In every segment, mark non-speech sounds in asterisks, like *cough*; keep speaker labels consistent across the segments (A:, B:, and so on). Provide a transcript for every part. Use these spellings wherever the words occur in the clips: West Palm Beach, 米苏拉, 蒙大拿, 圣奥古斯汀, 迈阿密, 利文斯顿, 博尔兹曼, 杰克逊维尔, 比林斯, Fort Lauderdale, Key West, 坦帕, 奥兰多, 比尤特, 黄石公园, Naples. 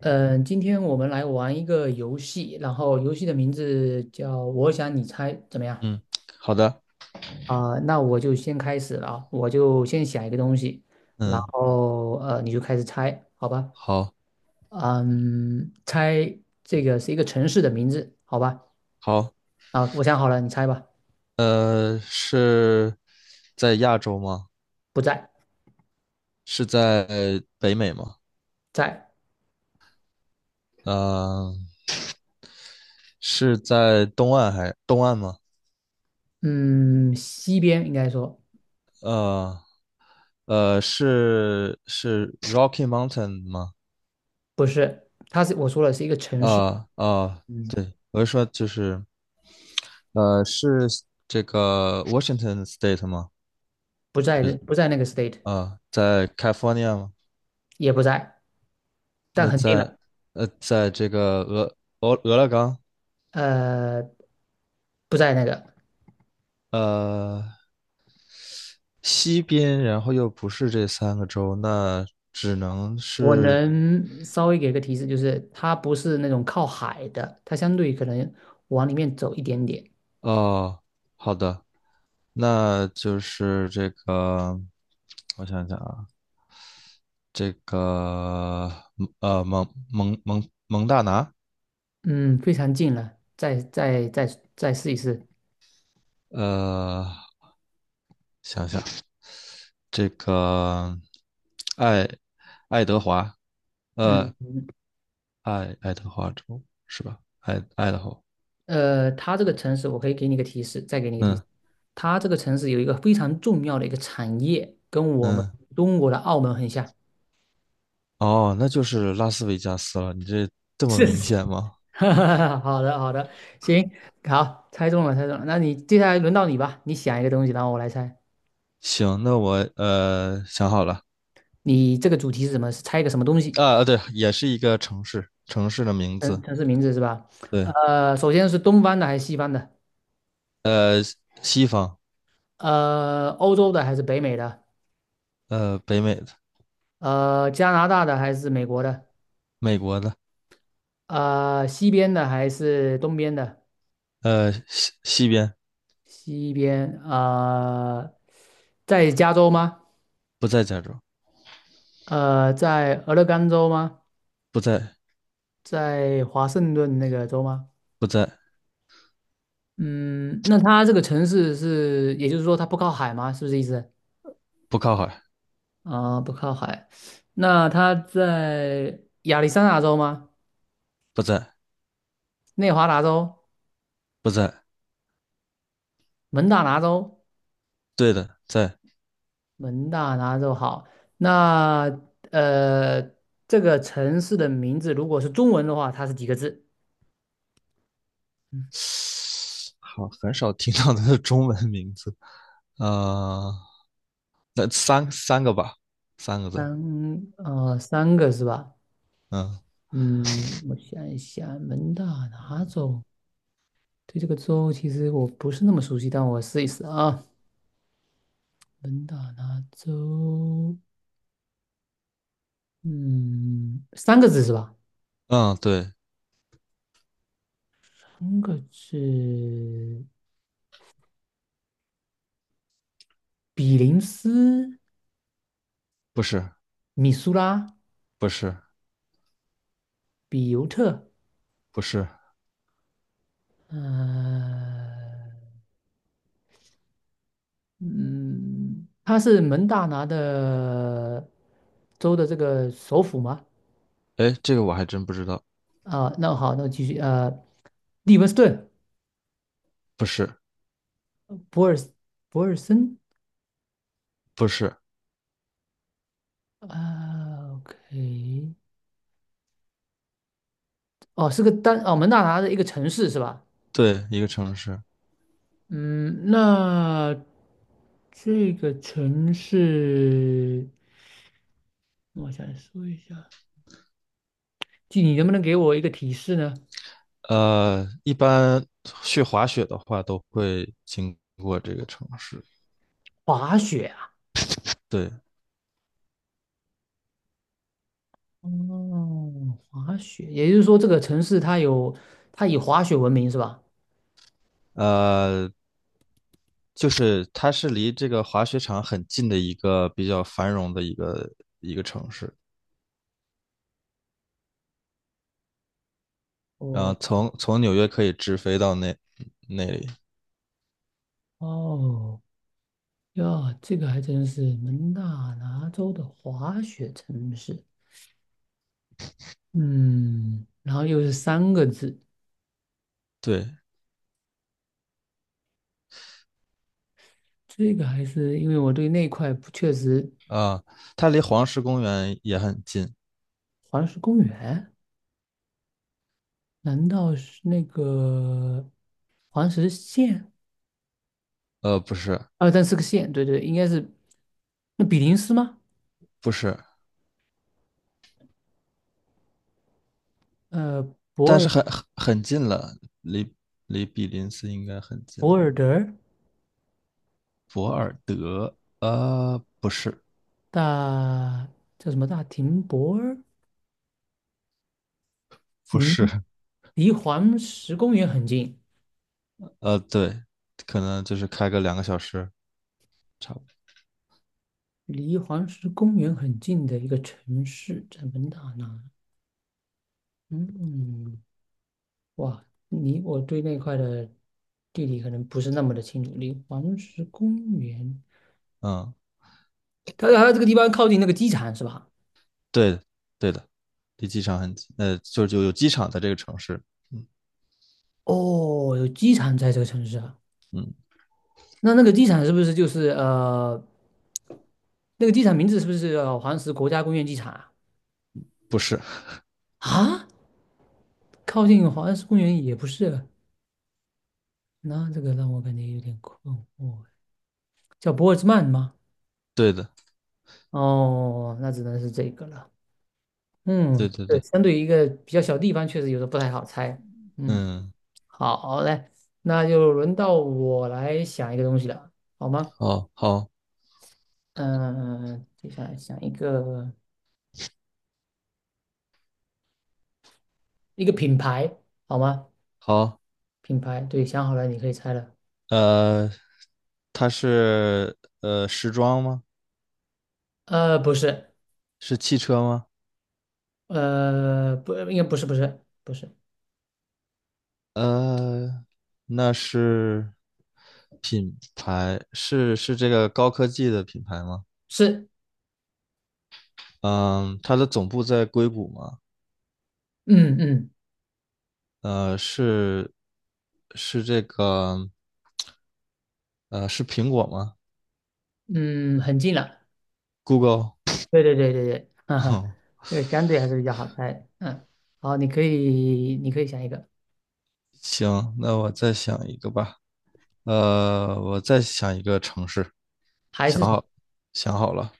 A: 嗯，今天我们来玩一个游戏，然后游戏的名字叫“我想你猜”，怎么样？
B: 嗯，好的，
A: 啊、那我就先开始了啊，我就先想一个东西，然
B: 嗯，
A: 后你就开始猜，好吧？
B: 好，
A: 嗯，猜这个是一个城市的名字，好吧？
B: 好，
A: 啊，我想好了，你猜吧。
B: 是在亚洲吗？
A: 不在，
B: 是在北美吗？
A: 在，
B: 呃，是在东岸吗？
A: 嗯，西边应该说
B: 呃是 Rocky Mountain 吗？
A: 不是，它是我说了是一个城市，嗯，
B: 对，我是说就是是这个 Washington State 吗？
A: 不在那个 state,
B: 在 California 吗？
A: 也不在，但
B: 那
A: 很近了，
B: 在这个俄勒冈，
A: 呃，不在那个。
B: 呃，西边，然后又不是这三个州，那只能
A: 我
B: 是
A: 能稍微给个提示，就是它不是那种靠海的，它相对可能往里面走一点点。
B: 哦，好的，那就是这个，我想想啊，这个蒙大拿，
A: 嗯，非常近了，再再试一试。
B: 呃，想想这个爱爱德华，
A: 嗯，
B: 呃爱德华州是吧？爱德华，
A: 它这个城市，我可以给你个提示，再给你个提示，
B: 嗯
A: 它这个城市有一个非常重要的一个产业，跟我们
B: 嗯，
A: 中国的澳门很像。
B: 哦，那就是拉斯维加斯了，你这这
A: *laughs*
B: 么
A: 是
B: 明
A: 是，
B: 显吗？
A: *laughs* 哈哈哈好的好的，行，好，猜中了猜中了。那你接下来轮到你吧，你想一个东西，然后我来猜。
B: 行，那我想好了
A: 你这个主题是什么？是猜一个什么东西？
B: 啊，啊对，也是一个城市，城市的名字，
A: 城市名字是吧？
B: 对，
A: 首先是东方的还是西方的？
B: 呃，西方，
A: 欧洲的还是北美的？
B: 北美的，
A: 加拿大的还是美国的？
B: 美国的，
A: 西边的还是东边的？
B: 西边，
A: 西边，在加州吗？
B: 不在加州，
A: 在俄勒冈州吗？
B: 不在，
A: 在华盛顿那个州吗？
B: 不在，
A: 嗯，那它这个城市是，也就是说它不靠海吗？是不是意思？
B: 不靠海，
A: 啊、不靠海。那它在亚利桑那州吗？
B: 不在，
A: 内华达州？
B: 不在，
A: 蒙大拿州，
B: 对的，在，
A: 蒙大拿州好。那呃，这个城市的名字如果是中文的话，它是几个字？
B: 好，很少听到它的中文名字，啊，那三个吧，三个字，
A: 三个是吧？
B: 嗯
A: 嗯，我想一想，蒙大拿州，对这个州其实我不是那么熟悉，但我试一试啊。蒙大拿州，嗯，三个字是吧？
B: 嗯，对，
A: 三个字，比林斯、
B: 不是，
A: 米苏拉、
B: 不是，
A: 比尤特，
B: 不是，
A: 呃。嗯，他是蒙大拿的州的这个首府吗？
B: 哎，这个我还真不知道，
A: 啊，那好，那继续，利文斯顿，
B: 不是。
A: 博尔博尔森，
B: 不是，
A: 啊，OK,哦，是个单，哦，蒙大拿的一个城市是吧？
B: 对，一个城市。
A: 嗯，那这个城市，我想说一下，就你能不能给我一个提示呢？
B: 一般去滑雪的话都会经过这个城市。
A: 滑雪
B: 对，
A: 哦，滑雪，也就是说这个城市它有它以滑雪闻名是吧？
B: 呃，就是它是离这个滑雪场很近的一个比较繁荣的一个城市。
A: 哦
B: 然后从纽约可以直飞到那里。
A: 哦呀，这个还真是蒙大拿州的滑雪城市。嗯，然后又是三个字，
B: 对，
A: 这个还是因为我对那块不确实
B: 啊、它离黄石公园也很近。
A: 黄石公园，难道是那个黄石县？
B: 不是，
A: 啊，但是个县，对对，应该是那比林斯吗？
B: 不是，
A: 呃，博
B: 但
A: 尔
B: 是很近了，离离比林斯应该很近了。
A: 博尔德。
B: 博尔德，不是，
A: 大叫什么大停泊儿？
B: 不
A: 离
B: 是，
A: 离黄石公园很近，
B: 对，可能就是开个2个小时，差不多。
A: 离黄石公园很近的一个城市，在蒙大拿。嗯，哇，你我对那块的地理可能不是那么的清楚。离黄石公园，
B: 嗯，
A: 它这个地方靠近那个机场是吧？
B: 对的，对的，离机场很近，就有机场在这个城市。嗯
A: 哦，有机场在这个城市啊。
B: 嗯，
A: 那那个机场是不是就是那个机场名字是不是叫黄石国家公园机场啊？
B: 不是，
A: 啊，靠近黄石公园也不是啊。那这个让我感觉有点困惑，叫博尔兹曼吗？
B: 对的，
A: 哦，那只能是这个了。
B: 对
A: 嗯，
B: 对
A: 对，
B: 对，
A: 相对于一个比较小地方，确实有的不太好猜。嗯，
B: 嗯，
A: 好嘞，那就轮到我来想一个东西了，好吗？
B: 好，好，
A: 嗯、接下来想一个一个品牌，好吗？
B: 好，
A: 品牌，对，想好了，你可以猜了。
B: 呃，它是时装吗？
A: 不是，
B: 是汽车吗？
A: 不，应该不是，不是，不是，
B: 呃，那是品牌，是这个高科技的品牌吗？
A: 是，
B: 嗯，它的总部在硅谷吗？
A: 嗯
B: 呃，是是这个，是苹果吗
A: 嗯，很近了，
B: ？Google，
A: 对对对对对，*laughs* 哈哈，
B: 哼，
A: 这个相对还是比较好猜。嗯，好，你可以想一个，
B: *laughs* 行，那我再想一个吧，我再想一个城市，
A: 还
B: 想
A: 是
B: 好，想好了，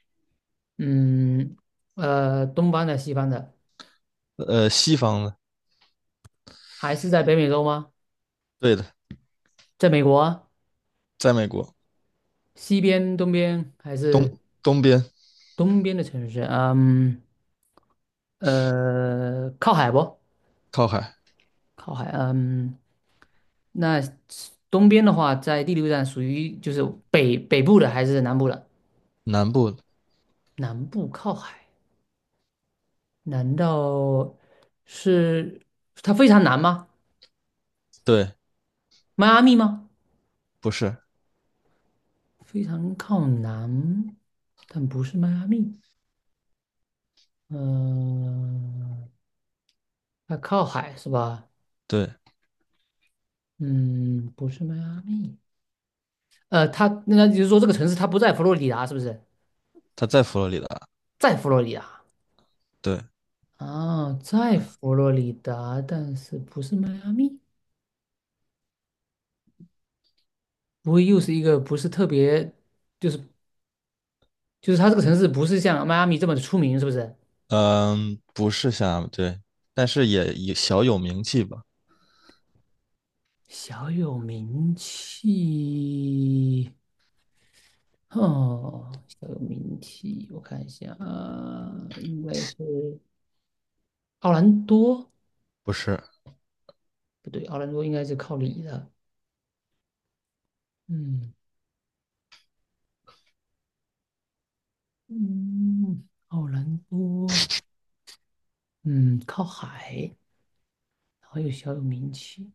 A: 嗯东方的西方的，
B: 西方的，
A: 还是在北美洲吗？
B: 对的，
A: 在美国啊
B: 在美国
A: 西边、东边还是
B: 东边
A: 东边的城市？嗯靠海不？
B: 靠海，
A: 靠海。嗯，那东边的话，在第六站属于就是北部的还是南部的？
B: 南部的
A: 南部靠海，难道是它非常难吗？
B: 对，
A: 迈阿密吗？
B: 不是，
A: 非常靠南，但不是迈阿密。嗯、它靠海是吧？
B: 对，
A: 嗯，不是迈阿密。它那就是说这个城市它不在佛罗里达，是不是？
B: 它在佛罗里达，
A: 在佛罗里达
B: 对，
A: 啊，在佛罗里达，但是不是迈阿密？不会又是一个不是特别，就是就是它这个城市不是像迈阿密这么的出名，是不是？
B: 嗯，不是像对，但是也小有名气吧，
A: 小有名气。哦，小有名气，我看一下啊，应该是奥兰多，
B: 不是。
A: 不对，奥兰多应该是靠里的，嗯嗯，奥兰多，嗯，靠海，然后又小有名气，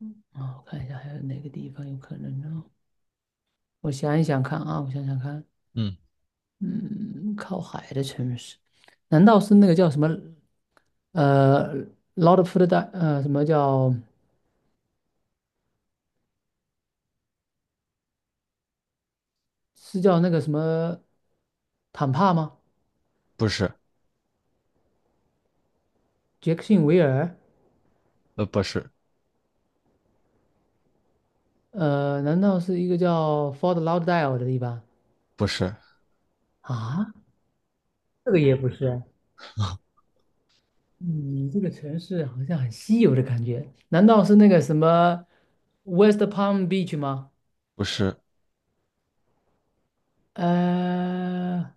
A: 嗯啊，我看一下还有哪个地方有可能呢？我想一想看啊，我想想看，
B: 嗯。
A: 嗯，靠海的城市，难道是那个叫什么o l 劳德福德的什么叫是叫那个什么坦帕吗？
B: 不是，
A: 杰克逊维尔，
B: 不是，
A: 难道是一个叫 Fort Lauderdale 的地方
B: 不是，
A: 啊？这个也不是，你这个城市好像很稀有的感觉，难道是那个什么 West Palm Beach 吗？
B: 不是，
A: 呃，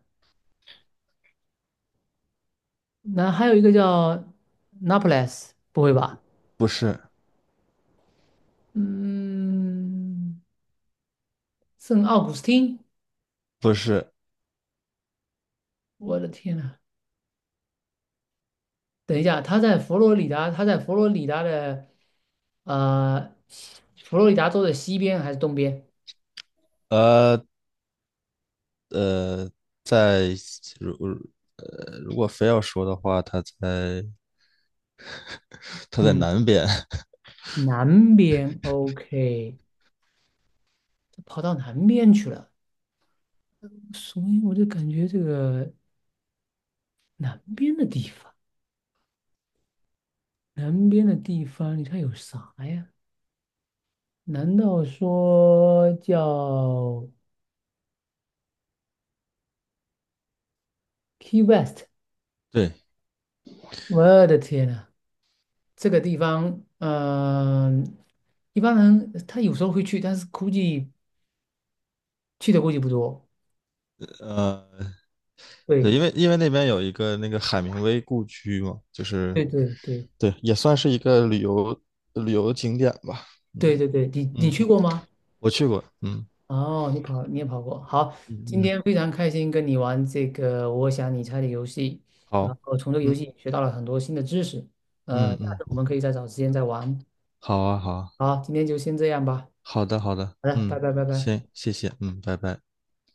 A: 那还有一个叫 Naples,不会吧？
B: 不是，
A: 嗯，圣奥古斯汀，
B: 不是，
A: 我的天呐，等一下，他在佛罗里达，他在佛罗里达的西佛罗里达州的西边还是东边？
B: 呃呃，在如如果非要说的话，它在
A: 嗯。
B: 南边，
A: 南边，OK,他跑到南边去了，所以我就感觉这个南边的地方，南边的地方，你看有啥呀？难道说叫 Key West?
B: *laughs* 对，
A: 我的天呐，这个地方，嗯、一般人他有时候会去，但是估计去的估计不多。
B: 呃，对，
A: 对，
B: 因为那边有一个那个海明威故居嘛，就是
A: 对对对
B: 对，也算是一个旅游景点吧，嗯
A: 对对对，你
B: 嗯，
A: 去过吗？
B: 我去过，嗯
A: 哦，你跑，你也跑过。好，今
B: 嗯嗯，
A: 天非常开心跟你玩这个“我想你猜”的游戏，然
B: 好，
A: 后从这个游
B: 嗯
A: 戏学到了很多新的知识。
B: 嗯
A: 下次我
B: 嗯，
A: 们可以再找时间再玩。
B: 好啊好啊。
A: 好，今天就先这样吧。
B: 好的，好的，
A: 好的，拜
B: 嗯，
A: 拜拜拜。
B: 行，谢谢，嗯，拜拜。